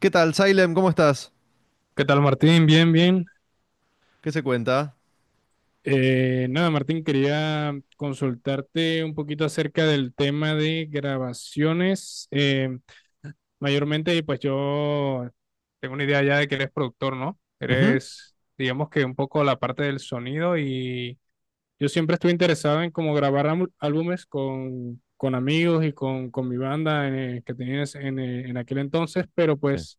¿Qué tal, Salem? ¿Cómo estás? ¿Qué tal, Martín? Bien, bien. ¿Qué se cuenta? Nada, Martín, quería consultarte un poquito acerca del tema de grabaciones. Mayormente, pues yo tengo una idea ya de que eres productor, ¿no? Ujú. Eres, digamos que un poco la parte del sonido. Y yo siempre estuve interesado en cómo grabar álbumes con amigos y con mi banda que tenías en aquel entonces, pero Sí, pues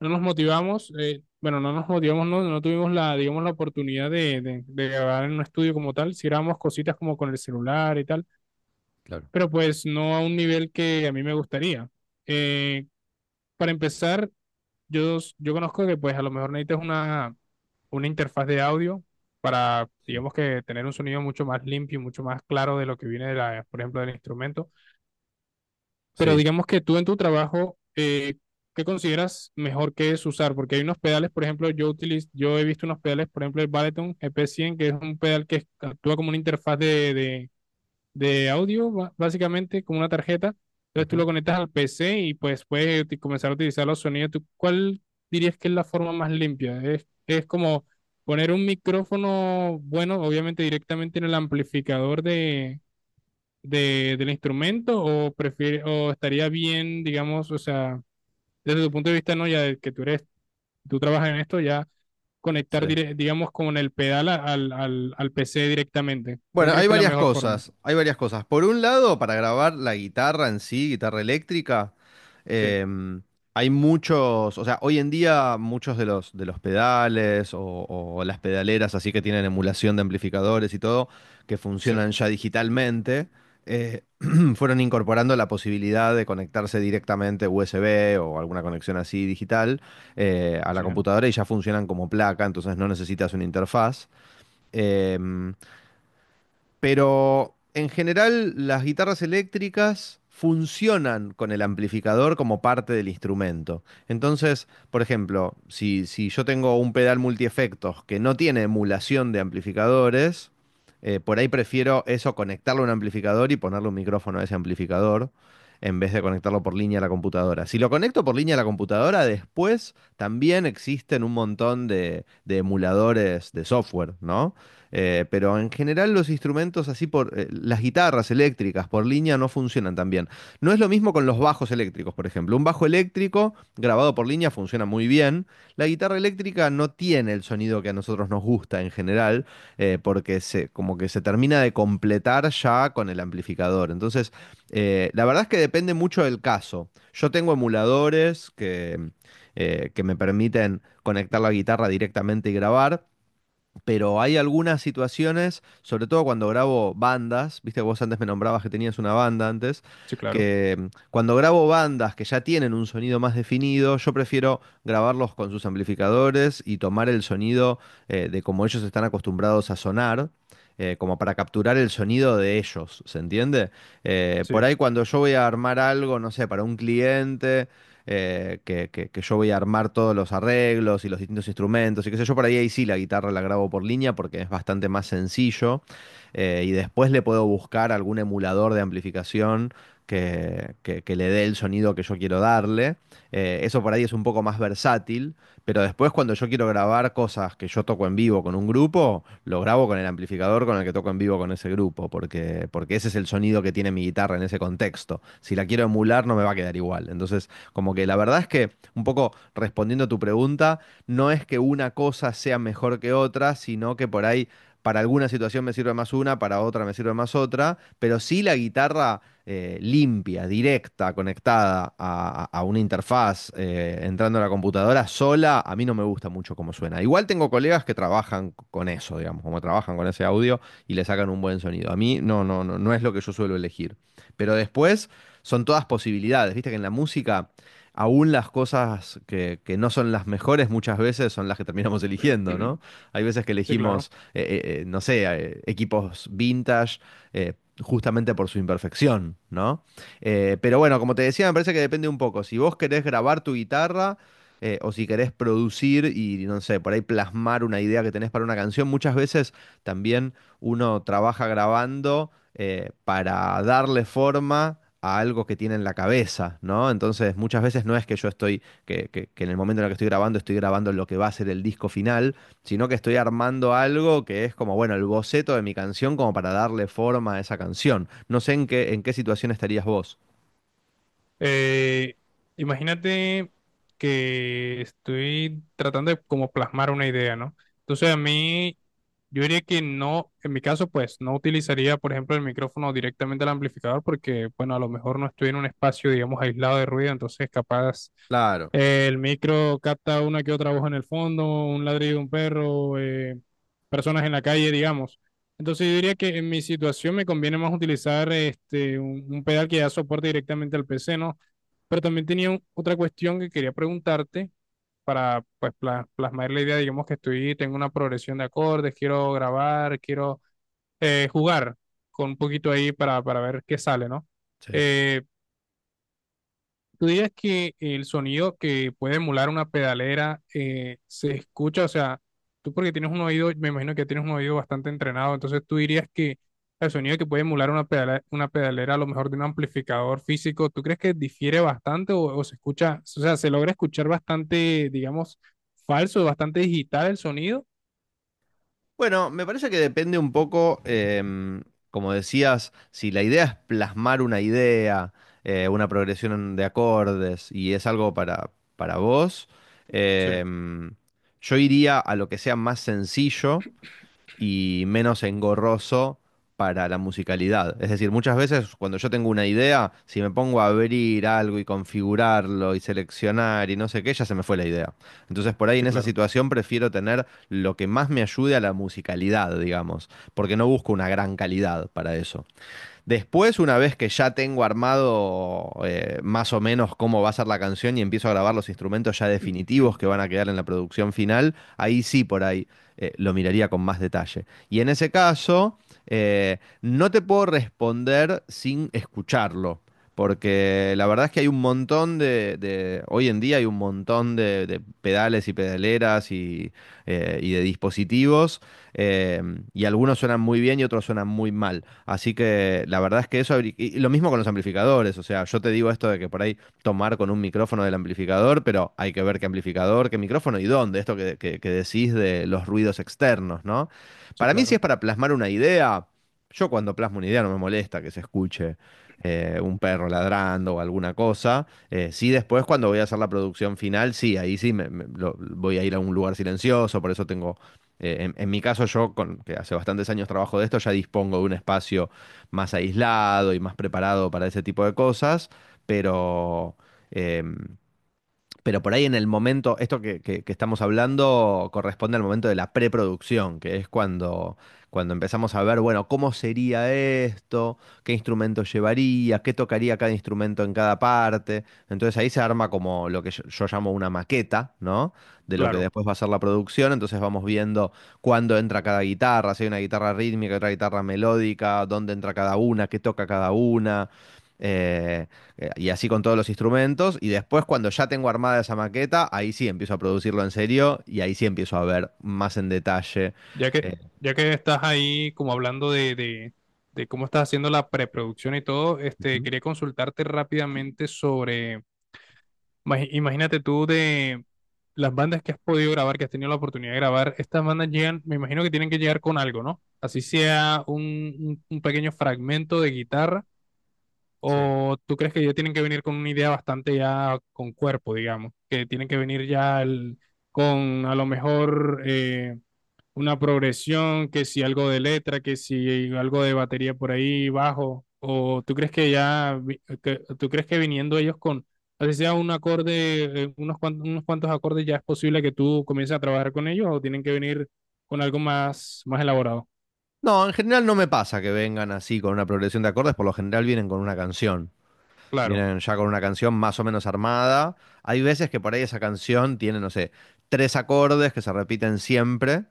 no nos motivamos, bueno, no nos motivamos, no, no tuvimos la, digamos, la oportunidad de grabar en un estudio como tal. Si grabamos cositas como con el celular y tal, claro. pero pues no a un nivel que a mí me gustaría. Eh, para empezar, yo conozco que pues a lo mejor necesitas una interfaz de audio para, Sí. digamos, que tener un sonido mucho más limpio y mucho más claro de lo que viene de la, por ejemplo, del instrumento. Pero Sí. digamos que tú en tu trabajo, ¿qué consideras mejor que es usar? Porque hay unos pedales, por ejemplo, yo utilizo, yo he visto unos pedales, por ejemplo, el Balaton ep cien, que es un pedal que actúa como una interfaz de audio, básicamente, como una tarjeta. Entonces tú lo Ujú. conectas al PC y pues puedes comenzar a utilizar los sonidos. ¿Tú cuál dirías que es la forma más limpia? Es como poner un micrófono, bueno, obviamente directamente en el amplificador de, del instrumento, o prefiere, o estaría bien, digamos, o sea, desde tu punto de vista, ¿no? Ya de que tú eres, tú trabajas en esto, ya Sí. conectar, digamos, con el pedal al PC directamente. ¿Cuál Bueno, crees hay que es la varias mejor forma? cosas, hay varias cosas. Por un lado, para grabar la guitarra en sí, guitarra eléctrica, Sí, Em, hay muchos, o sea, hoy en día muchos de los pedales o las pedaleras así que tienen emulación de amplificadores y todo, que sí, funcionan ya digitalmente. eh, Fueron incorporando la posibilidad de conectarse directamente USB o alguna conexión así digital, a la sí, computadora, y ya funcionan como placa, entonces no necesitas una interfaz. Em, pero en general las guitarras eléctricas funcionan con el amplificador como parte del instrumento. Entonces, por ejemplo, si yo tengo un pedal multiefectos que no tiene emulación de amplificadores, por ahí prefiero eso, conectarlo a un amplificador y ponerle un micrófono a ese amplificador en vez de conectarlo por línea a la computadora. Si lo conecto por línea a la computadora, después también existen un montón de, emuladores de software, ¿no? Pero en general los instrumentos así por las guitarras eléctricas por línea no funcionan tan bien. No es lo mismo con los bajos eléctricos, por ejemplo. Un bajo eléctrico grabado por línea funciona muy bien. La guitarra eléctrica no tiene el sonido que a nosotros nos gusta en general, porque como que se termina de completar ya con el amplificador. Entonces, la verdad es que depende mucho del caso. Yo tengo emuladores que me permiten conectar la guitarra directamente y grabar, pero hay algunas situaciones, sobre todo cuando grabo bandas. Viste, vos antes me nombrabas que tenías una banda antes, sí, claro. que cuando grabo bandas que ya tienen un sonido más definido, yo prefiero grabarlos con sus amplificadores y tomar el sonido, de como ellos están acostumbrados a sonar, como para capturar el sonido de ellos, ¿se entiende? Por Sí, ahí cuando yo voy a armar algo, no sé, para un cliente que yo voy a armar todos los arreglos y los distintos instrumentos y qué sé yo. Por ahí, ahí sí la guitarra la grabo por línea porque es bastante más sencillo, y después le puedo buscar algún emulador de amplificación que le dé el sonido que yo quiero darle. Eso por ahí es un poco más versátil. Pero después cuando yo quiero grabar cosas que yo toco en vivo con un grupo, lo grabo con el amplificador con el que toco en vivo con ese grupo, porque ese es el sonido que tiene mi guitarra en ese contexto. Si la quiero emular no me va a quedar igual. Entonces como que la verdad es que, un poco respondiendo a tu pregunta, no es que una cosa sea mejor que otra, sino que por ahí para alguna situación me sirve más una, para otra me sirve más otra, pero sí la guitarra, limpia, directa, conectada a, a una interfaz, entrando a la computadora sola, a mí no me gusta mucho cómo suena. Igual tengo colegas que trabajan con eso, digamos, como trabajan con ese audio y le sacan un buen sonido. A mí no, no, no, no es lo que yo suelo elegir. Pero después son todas posibilidades, viste que en la música aún las cosas que no son las mejores muchas veces son las que terminamos eligiendo, ¿no? Hay veces que sí, claro. elegimos, no sé, equipos vintage, eh, justamente por su imperfección, ¿no? Pero bueno, como te decía, me parece que depende un poco. Si vos querés grabar tu guitarra, o si querés producir y, no sé, por ahí plasmar una idea que tenés para una canción, muchas veces también uno trabaja grabando, para darle forma a algo que tiene en la cabeza, ¿no? Entonces, muchas veces no es que yo estoy, que en el momento en el que estoy grabando lo que va a ser el disco final, sino que estoy armando algo que es como, bueno, el boceto de mi canción, como para darle forma a esa canción. No sé en qué situación estarías vos. Eh, Imagínate que estoy tratando de como plasmar una idea, ¿no? Entonces a mí, yo diría que no, en mi caso, pues no utilizaría, por ejemplo, el micrófono directamente al amplificador porque, bueno, a lo mejor no estoy en un espacio, digamos, aislado de ruido, entonces capaz Claro. El micro capta una que otra voz en el fondo, un ladrido de un perro, personas en la calle, digamos. Entonces yo diría que en mi situación me conviene más utilizar este, un pedal que ya soporte directamente al PC, ¿no? Pero también tenía otra cuestión que quería preguntarte para pues, plasmar la idea. Digamos que estoy, tengo una progresión de acordes, quiero grabar, quiero jugar con un poquito ahí para ver qué sale, ¿no? Sí. Eh, ¿Tú dirías que el sonido que puede emular una pedalera se escucha? O sea, tú porque tienes un oído, me imagino que tienes un oído bastante entrenado, entonces tú dirías que el sonido que puede emular una pedalera a lo mejor de un amplificador físico, ¿tú crees que difiere bastante o se escucha, o sea, se logra escuchar bastante, digamos, falso, bastante digital el sonido? Bueno, me parece que depende un poco, como decías, si la idea es plasmar una idea, una progresión de acordes y es algo para, vos, Sí, em, yo iría a lo que sea más sencillo y menos engorroso para la musicalidad. Es decir, muchas veces cuando yo tengo una idea, si me pongo a abrir algo y configurarlo y seleccionar y no sé qué, ya se me fue la idea. Entonces, por ahí en sí, esa claro, situación prefiero tener lo que más me ayude a la musicalidad, digamos, porque no busco una gran calidad para eso. Después, una vez que ya tengo armado, más o menos cómo va a ser la canción, y empiezo a grabar los instrumentos ya definitivos que van a quedar en la producción final, ahí sí por ahí, lo miraría con más detalle. Y en ese caso, no te puedo responder sin escucharlo. Porque la verdad es que hay un montón de, hoy en día hay un montón de, pedales y pedaleras y de dispositivos, eh, y algunos suenan muy bien y otros suenan muy mal. Así que la verdad es que eso, y lo mismo con los amplificadores, o sea, yo te digo esto de que por ahí tomar con un micrófono del amplificador, pero hay que ver qué amplificador, qué micrófono y dónde, esto que decís de los ruidos externos, ¿no? sí, Para mí, si es claro, para plasmar una idea, yo cuando plasmo una idea no me molesta que se escuche, un perro ladrando o alguna cosa. Sí, después cuando voy a hacer la producción final, sí, ahí sí voy a ir a un lugar silencioso, por eso tengo, en mi caso, que hace bastantes años trabajo de esto, ya dispongo de un espacio más aislado y más preparado para ese tipo de cosas, pero em, pero por ahí en el momento, esto que estamos hablando corresponde al momento de la preproducción, que es cuando, empezamos a ver, bueno, cómo sería esto, qué instrumentos llevaría, qué tocaría cada instrumento en cada parte. Entonces ahí se arma como lo que yo, llamo una maqueta, ¿no? De lo que claro. después va a ser la producción. Entonces vamos viendo cuándo entra cada guitarra, si hay una guitarra rítmica, otra guitarra melódica, dónde entra cada una, qué toca cada una. Eh, Y así con todos los instrumentos. Y después, cuando ya tengo armada esa maqueta, ahí sí empiezo a producirlo en serio y ahí sí empiezo a ver más en detalle. Ya que, eh, ya que estás ahí como hablando de cómo estás haciendo la preproducción y todo, este, Ujú. quería consultarte rápidamente sobre, imagínate tú de las bandas que has podido grabar, que has tenido la oportunidad de grabar, estas bandas llegan, me imagino que tienen que llegar con algo, ¿no? Así sea un un pequeño fragmento de guitarra, Sí. o tú crees que ya tienen que venir con una idea bastante ya con cuerpo, digamos, que tienen que venir ya con a lo mejor... una progresión, que si algo de letra, que si algo de batería por ahí bajo, o tú crees que ya, tú crees que viniendo ellos con, así sea un acorde, unos cuantos acordes, ya es posible que tú comiences a trabajar con ellos, o tienen que venir con algo más, más elaborado. No, en general no me pasa que vengan así con una progresión de acordes, por lo general vienen con una canción. Claro, Vienen ya con una canción más o menos armada. Hay veces que por ahí esa canción tiene, no sé, tres acordes que se repiten siempre,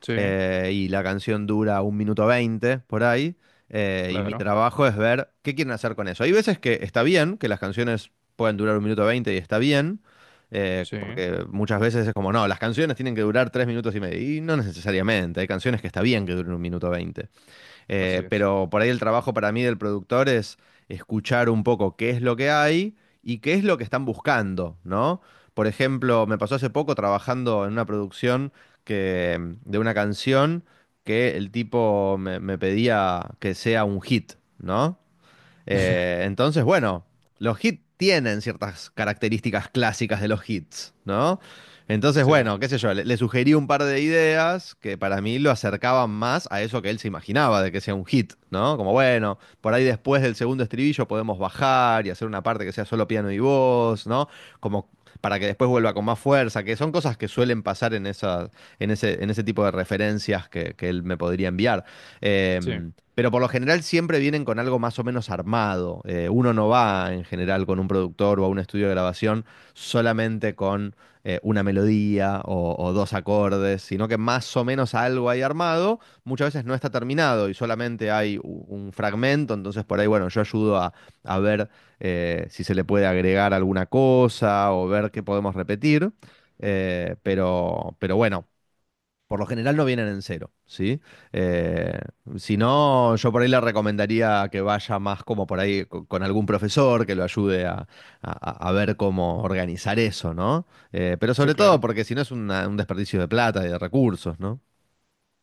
sí, y la canción dura 1:20 por ahí, y mi claro, trabajo es ver qué quieren hacer con eso. Hay veces que está bien, que las canciones pueden durar 1:20 y está bien, sí, porque muchas veces es como, no, las canciones tienen que durar 3 minutos y medio, y no necesariamente, hay canciones que está bien que duren 1:20. así es. Pero por ahí el trabajo para mí del productor es escuchar un poco qué es lo que hay y qué es lo que están buscando, ¿no? Por ejemplo, me pasó hace poco trabajando en una producción, que, de una canción, que el tipo me pedía que sea un hit, ¿no? Entonces, bueno, los hits tienen ciertas características clásicas de los hits, ¿no? Entonces, Sí, bueno, qué sé yo, le sugerí un par de ideas que para mí lo acercaban más a eso que él se imaginaba de que sea un hit, ¿no? Como, bueno, por ahí después del segundo estribillo podemos bajar y hacer una parte que sea solo piano y voz, ¿no? Como para que después vuelva con más fuerza, que son cosas que suelen pasar en ese tipo de referencias que él me podría enviar. sí, Pero por lo general siempre vienen con algo más o menos armado. Uno no va en general con un productor o a un estudio de grabación solamente con, una melodía o, dos acordes, sino que más o menos algo hay armado. Muchas veces no está terminado y solamente hay un fragmento, entonces por ahí, bueno, yo ayudo a, ver, si se le puede agregar alguna cosa o ver qué podemos repetir. Pero bueno, por lo general no vienen en cero, ¿sí? Eh, si no, yo por ahí le recomendaría que vaya más como por ahí con algún profesor que lo ayude a, a ver cómo organizar eso, ¿no? Pero sí, sobre todo claro. porque si no es un desperdicio de plata y de recursos, ¿no?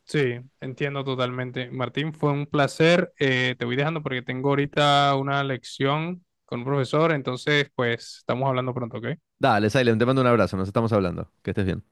Sí, entiendo totalmente. Martín, fue un placer. Te voy dejando porque tengo ahorita una lección con un profesor, entonces pues estamos hablando pronto, ¿ok? Dale, Silent, te mando un abrazo, nos estamos hablando. Que estés bien.